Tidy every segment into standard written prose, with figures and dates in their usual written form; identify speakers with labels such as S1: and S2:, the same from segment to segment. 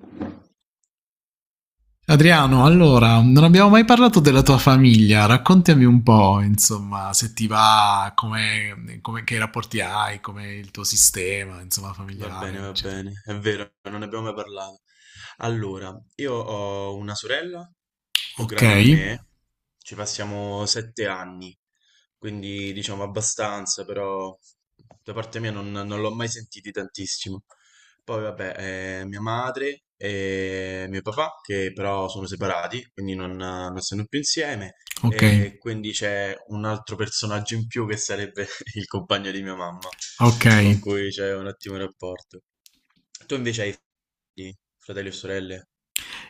S1: due.
S2: Adriano, allora, non abbiamo mai parlato della tua famiglia, raccontami un po', insomma, se ti va, che rapporti hai, come il tuo sistema, insomma, familiare,
S1: Va
S2: eccetera.
S1: bene, è vero, non ne abbiamo mai parlato. Allora, io ho una sorella più
S2: Ok,
S1: grande di me, ci passiamo sette anni, quindi diciamo abbastanza, però da parte mia non l'ho mai sentiti tantissimo. Poi vabbè, mia madre e mio papà, che però sono separati, quindi non stanno più insieme,
S2: ok,
S1: e quindi c'è un altro personaggio in più che sarebbe il compagno di mia mamma
S2: ok.
S1: con cui c'è un ottimo rapporto. Tu invece hai figli, fratelli o sorelle?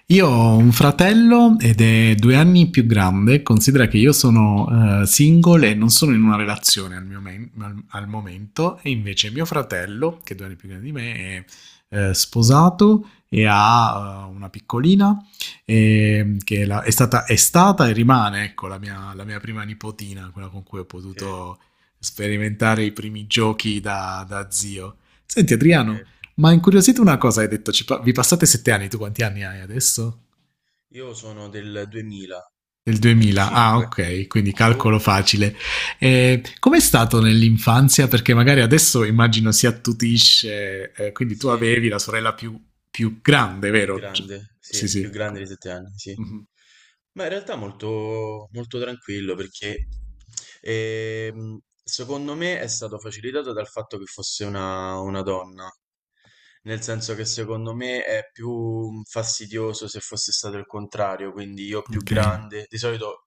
S2: Io ho un fratello ed è 2 anni più grande, considera che io sono single e non sono in una relazione al momento, e invece mio fratello, che è 2 anni più grande di me, è sposato e ha una piccolina che è stata e rimane ecco, la mia prima nipotina, quella con cui ho
S1: Ok,
S2: potuto sperimentare i primi giochi da zio. Senti
S1: ok. Ok.
S2: Adriano, ma incuriosito una cosa, hai detto, vi passate 7 anni, tu quanti anni hai adesso?
S1: Io sono del 2025.
S2: Del 2000, ah ok, quindi
S1: Tu?
S2: calcolo facile. Com'è stato nell'infanzia? Perché magari adesso immagino si attutisce, quindi tu
S1: Sì,
S2: avevi la sorella più grande, vero? C- sì,
S1: sì, più
S2: sì.
S1: grande di 7 anni, sì.
S2: Mhm.
S1: Ma in realtà molto, molto tranquillo perché secondo me è stato facilitato dal fatto che fosse una donna. Nel senso che secondo me è più fastidioso se fosse stato il contrario, quindi io più
S2: Ok,
S1: grande, di solito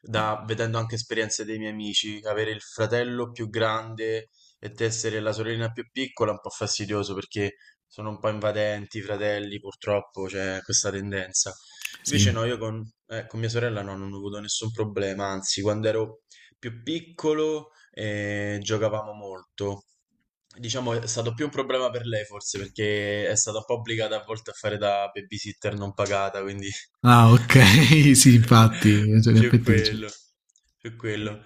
S1: vedendo anche esperienze dei miei amici, avere il fratello più grande e te essere la sorellina più piccola è un po' fastidioso perché sono un po' invadenti i fratelli, purtroppo c'è questa tendenza.
S2: sì.
S1: Invece no, io con mia sorella no, non ho avuto nessun problema, anzi, quando ero più piccolo giocavamo molto. Diciamo è stato più un problema per lei forse perché è stata un po' obbligata a volte a fare da babysitter non pagata, quindi
S2: Ah, ok. Sì, infatti, cioè, in
S1: più
S2: effetti, cioè,
S1: quello, più quello.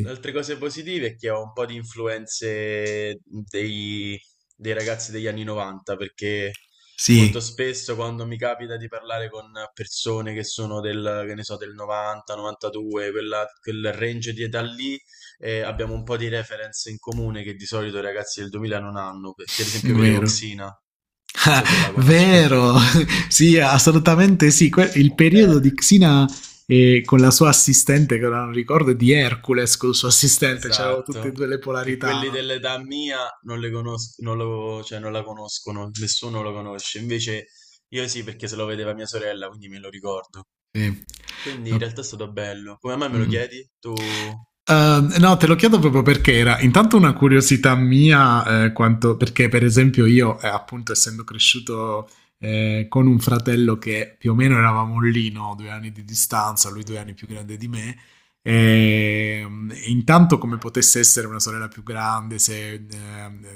S1: Le altre cose positive è che ho un po' di influenze dei, dei ragazzi degli anni 90 perché molto spesso quando mi capita di parlare con persone che sono del, che ne so, del 90, 92, quel range di età lì, abbiamo un po' di reference in comune che di solito i ragazzi del 2000 non hanno, perché ad
S2: sì,
S1: esempio vedevo
S2: vero.
S1: Xina, non so se la conosci. Quindi...
S2: Vero. Sì, assolutamente sì. Il
S1: Eh.
S2: periodo di Xina con la sua assistente, che ora non ricordo, e di Hercules con il suo assistente, c'erano tutte e
S1: Esatto,
S2: due le
S1: che
S2: polarità,
S1: quelli
S2: no?
S1: dell'età mia non le conos- non lo- cioè, non la conoscono, nessuno lo conosce. Invece io sì, perché se lo vedeva mia sorella, quindi me lo ricordo.
S2: Sì.
S1: Quindi in
S2: Ok.
S1: realtà è stato bello. Come mai me lo
S2: Mm.
S1: chiedi? Tu...
S2: No, te lo chiedo proprio perché era intanto una curiosità mia, quanto, perché per esempio io, appunto, essendo cresciuto con un fratello che più o meno eravamo lì, no? 2 anni di distanza, lui due
S1: Mhm.
S2: anni più grande di me, e, intanto come potesse essere una sorella più grande, se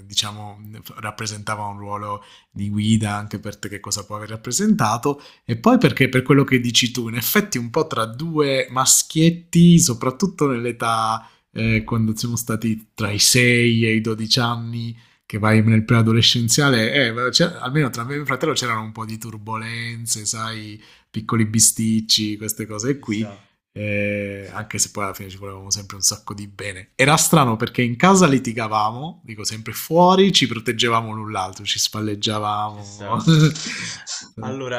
S2: diciamo rappresentava un ruolo di guida anche per te, che cosa può aver rappresentato, e poi perché per quello che dici tu, in effetti un po' tra due maschietti, soprattutto nell'età
S1: Mm-mm.
S2: quando siamo stati tra i 6 e i 12 anni, che vai nel preadolescenziale, almeno tra me e mio fratello c'erano un po' di turbulenze, sai, piccoli bisticci, queste cose
S1: Ci
S2: qui.
S1: sta,
S2: Eh,
S1: sì,
S2: anche se poi alla fine ci volevamo sempre un sacco di bene. Era strano perché in casa litigavamo, dico sempre fuori, ci proteggevamo l'un l'altro, ci
S1: ci sta.
S2: spalleggiavamo.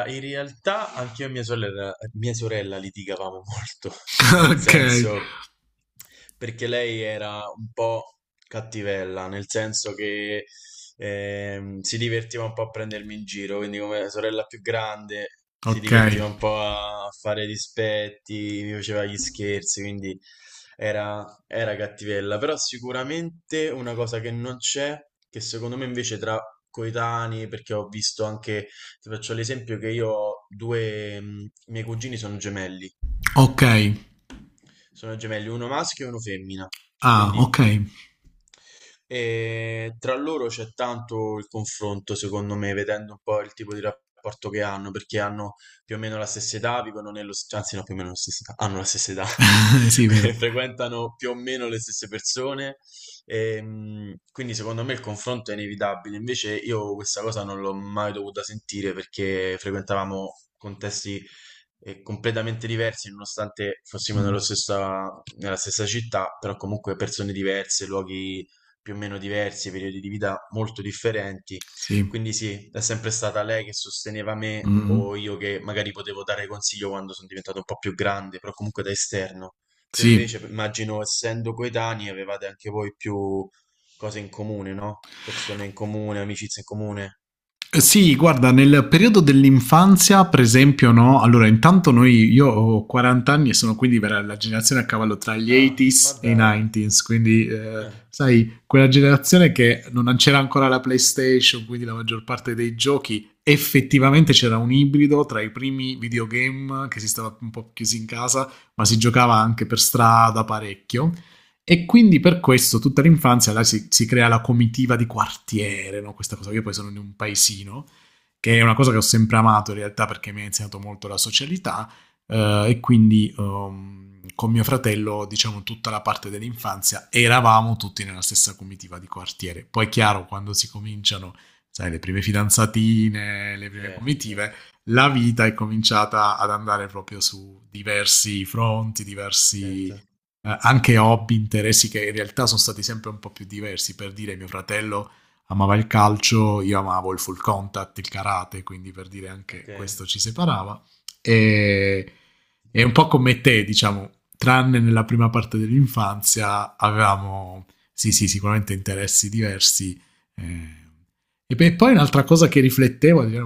S1: in realtà anche io e mia sorella litigavamo molto, nel
S2: Ok,
S1: senso... perché lei era un po' cattivella, nel senso che si divertiva un po' a prendermi in giro, quindi come sorella più grande si
S2: ok,
S1: divertiva un po' a fare dispetti, mi faceva gli scherzi, quindi era, era cattivella. Però sicuramente una cosa che non c'è, che secondo me invece tra coetanei, perché ho visto anche, ti faccio l'esempio che io ho due, miei cugini sono gemelli.
S2: ok.
S1: Sono gemelli, uno maschio e uno femmina.
S2: Ah, ok.
S1: Quindi tra loro c'è tanto il confronto, secondo me, vedendo un po' il tipo di rapporto che hanno, perché hanno più o meno la stessa età, anzi no, più o meno la stessa età, hanno la stessa età,
S2: Sì, vero.
S1: quindi frequentano più o meno le stesse persone, quindi secondo me il confronto è inevitabile. Invece io questa cosa non l'ho mai dovuta sentire perché frequentavamo contesti e completamente diversi, nonostante fossimo nello
S2: Mm,
S1: stessa- nella stessa città, però comunque persone diverse, luoghi più o meno diversi, periodi di vita molto differenti.
S2: sì.
S1: Quindi sì, è sempre stata lei che sosteneva
S2: Mm,
S1: me o
S2: mm.
S1: io che magari potevo dare consiglio quando sono diventato un po' più grande, però comunque da esterno. Tu
S2: Sì.
S1: invece, immagino, essendo coetanei, avevate anche voi più cose in comune, no? Persone in comune, amicizie in comune.
S2: Sì, guarda, nel periodo dell'infanzia, per esempio, no? Allora, intanto noi, io ho 40 anni e sono quindi la generazione a cavallo tra gli 80s
S1: Ah, ma
S2: e i
S1: dai.
S2: 90s, quindi,
S1: Ah,
S2: sai, quella generazione che non c'era ancora la PlayStation, quindi la maggior parte dei giochi, effettivamente c'era un ibrido tra i primi videogame che si stava un po' chiusi in casa, ma si giocava
S1: ok.
S2: anche per strada parecchio. E quindi per questo tutta l'infanzia là si crea la comitiva di quartiere, no? Questa cosa. Io poi sono in un paesino, che è una cosa che ho sempre amato in realtà perché mi ha insegnato molto la socialità e quindi con mio fratello, diciamo tutta la parte dell'infanzia, eravamo tutti nella stessa comitiva di quartiere. Poi è chiaro, quando si cominciano sai, le prime fidanzatine, le prime
S1: Certo,
S2: comitive,
S1: certo.
S2: la vita è cominciata ad andare proprio su diversi fronti,
S1: Certo,
S2: diversi anche hobby, interessi che in realtà sono stati sempre un po' più diversi. Per dire, mio fratello amava il calcio, io amavo il full contact, il karate, quindi per dire anche
S1: ok.
S2: questo ci separava. E, e un po' come te, diciamo, tranne nella prima parte dell'infanzia, avevamo sì, sì, sicuramente interessi diversi. eh. E beh, poi un'altra cosa che riflettevo,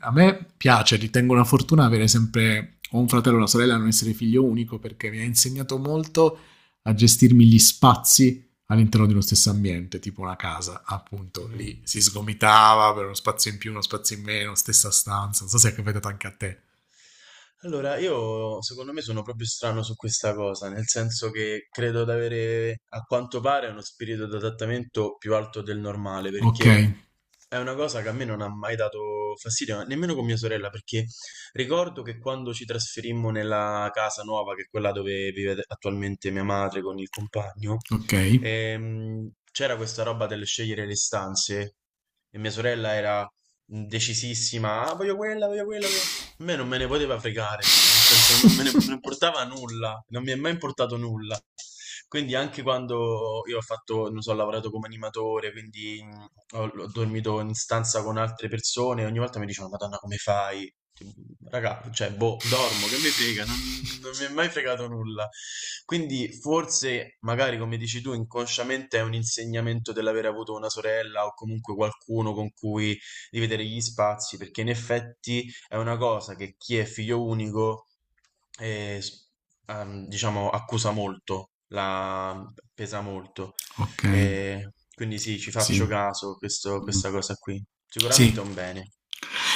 S2: a me piace, ritengo una fortuna avere sempre o un fratello o una sorella, non essere figlio unico, perché mi ha insegnato molto a gestirmi gli spazi all'interno di uno stesso ambiente, tipo una casa, appunto
S1: Mhm.
S2: lì si sgomitava per uno spazio in più, uno spazio in meno, stessa stanza. Non so se è capitato anche a te.
S1: Allora, io secondo me sono proprio strano su questa cosa, nel senso che credo di avere a quanto pare uno spirito d'adattamento più alto del normale,
S2: Ok,
S1: perché è una cosa che a me non ha mai dato fastidio, ma nemmeno con mia sorella, perché ricordo che quando ci trasferimmo nella casa nuova, che è quella dove vive attualmente mia madre con il compagno,
S2: ok.
S1: c'era questa roba del scegliere le stanze e mia sorella era decisissima, ah, voglio quella, voglio quella, voglio-". A me non me ne poteva fregare, nel senso non me ne non importava nulla, non mi è mai importato nulla. Quindi anche quando io ho fatto, non so, ho lavorato come animatore, quindi ho dormito in stanza con altre persone, ogni volta mi dicevano, Madonna, come fai? Tipo, raga, cioè, boh, dormo, che mi frega, non, non mi è mai fregato nulla. Quindi forse, magari come dici tu, inconsciamente è un insegnamento dell'aver avuto una sorella o comunque qualcuno con cui dividere gli spazi, perché in effetti è una cosa che chi è figlio unico, eh, s- diciamo, accusa molto, la pesa molto.
S2: Ok,
S1: Quindi sì, ci
S2: sì.
S1: faccio
S2: Mm.
S1: caso questa cosa qui. Sicuramente è
S2: Sì.
S1: un bene.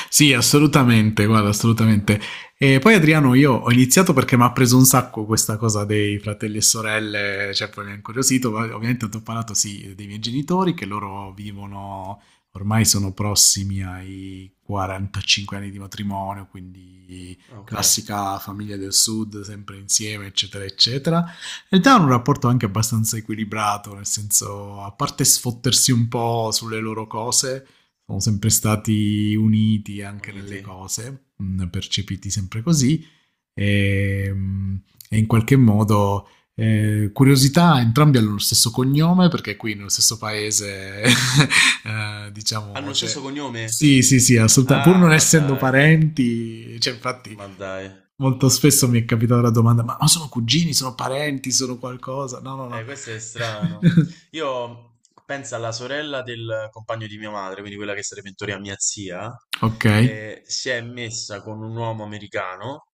S2: Sì, assolutamente, guarda, assolutamente. E poi Adriano, io ho iniziato perché mi ha preso un sacco questa cosa dei fratelli e sorelle, cioè poi mi ha incuriosito, ma ovviamente ti ho parlato sì dei miei genitori che loro vivono, ormai sono prossimi ai 45 anni di matrimonio, quindi
S1: Ah, ok,
S2: classica famiglia del sud, sempre insieme, eccetera, eccetera. In realtà hanno un rapporto anche abbastanza equilibrato, nel senso, a parte sfottersi un po' sulle loro cose sono sempre stati uniti anche nelle
S1: uniti.
S2: cose, percepiti sempre così e, mh, e in qualche modo curiosità, entrambi hanno lo stesso cognome perché qui nello stesso paese,
S1: Hanno
S2: diciamo,
S1: lo
S2: cioè,
S1: stesso cognome?
S2: sì, sì, sì, assolutamente, pur
S1: Ah,
S2: non
S1: ma
S2: essendo
S1: dai,
S2: parenti, cioè, infatti
S1: ma dai.
S2: molto spesso mi è capitata la domanda, ma, sono cugini, sono parenti, sono qualcosa? No, no, no.
S1: Questo è strano. Io penso alla sorella del compagno di mia madre, quindi quella che sarebbe in teoria mia zia,
S2: Ok,
S1: si è messa con un uomo americano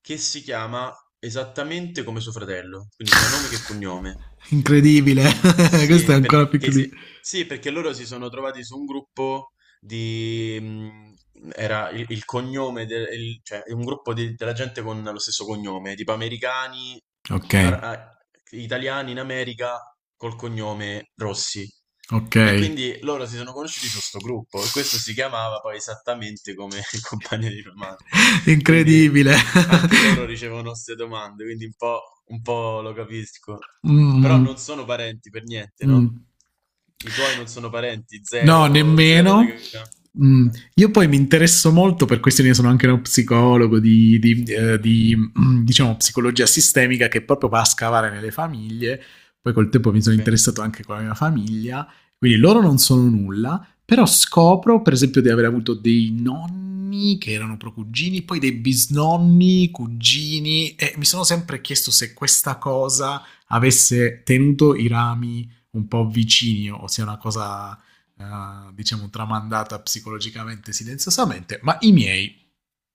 S1: che si chiama esattamente come suo fratello, quindi sia nome che cognome.
S2: incredibile. Questo è
S1: Sì,
S2: ancora più incredibile.
S1: sì, perché loro si sono trovati su un gruppo di... era il cognome, cioè un gruppo della gente con lo stesso cognome, tipo americani,
S2: Ok.
S1: ar- a- italiani in America col cognome Rossi. E
S2: Okay.
S1: quindi loro si sono conosciuti su sto gruppo e questo si chiamava poi esattamente come il compagno di mia madre. Quindi
S2: Incredibile.
S1: anche loro ricevono 'ste domande, quindi un po' lo capisco. Però non
S2: Mh,
S1: sono parenti per niente,
S2: mh.
S1: no? I tuoi non sono parenti,
S2: No,
S1: zero zero
S2: nemmeno.
S1: legame.
S2: Mm.
S1: Eh,
S2: Io poi mi interesso molto per questioni, sono anche uno psicologo di, di, eh,
S1: mh,
S2: di, mm, diciamo, psicologia sistemica che proprio va a scavare nelle famiglie. Poi col tempo mi sono
S1: okay.
S2: interessato anche con la mia famiglia, quindi loro non sono nulla, però scopro per esempio di aver avuto dei nonni che erano procugini, poi dei bisnonni, cugini, e mi sono sempre chiesto se questa cosa avesse tenuto i rami un po' vicini o sia una cosa diciamo tramandata psicologicamente silenziosamente, ma i miei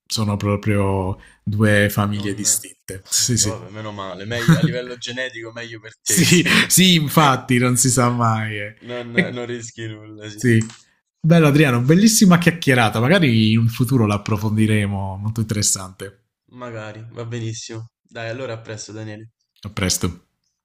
S2: sono proprio due famiglie
S1: Non
S2: distinte. Sì,
S1: okay,
S2: sì.
S1: vabbè, meno male. Meglio a livello genetico meglio per te
S2: Sì,
S1: così
S2: sì, infatti, non si sa mai.
S1: non
S2: E,
S1: non rischi nulla, sì.
S2: sì. Bello Adriano, bellissima chiacchierata, magari in un futuro l'approfondiremo, molto interessante.
S1: Magari, va benissimo. Dai, allora a presto, Daniele.
S2: A presto.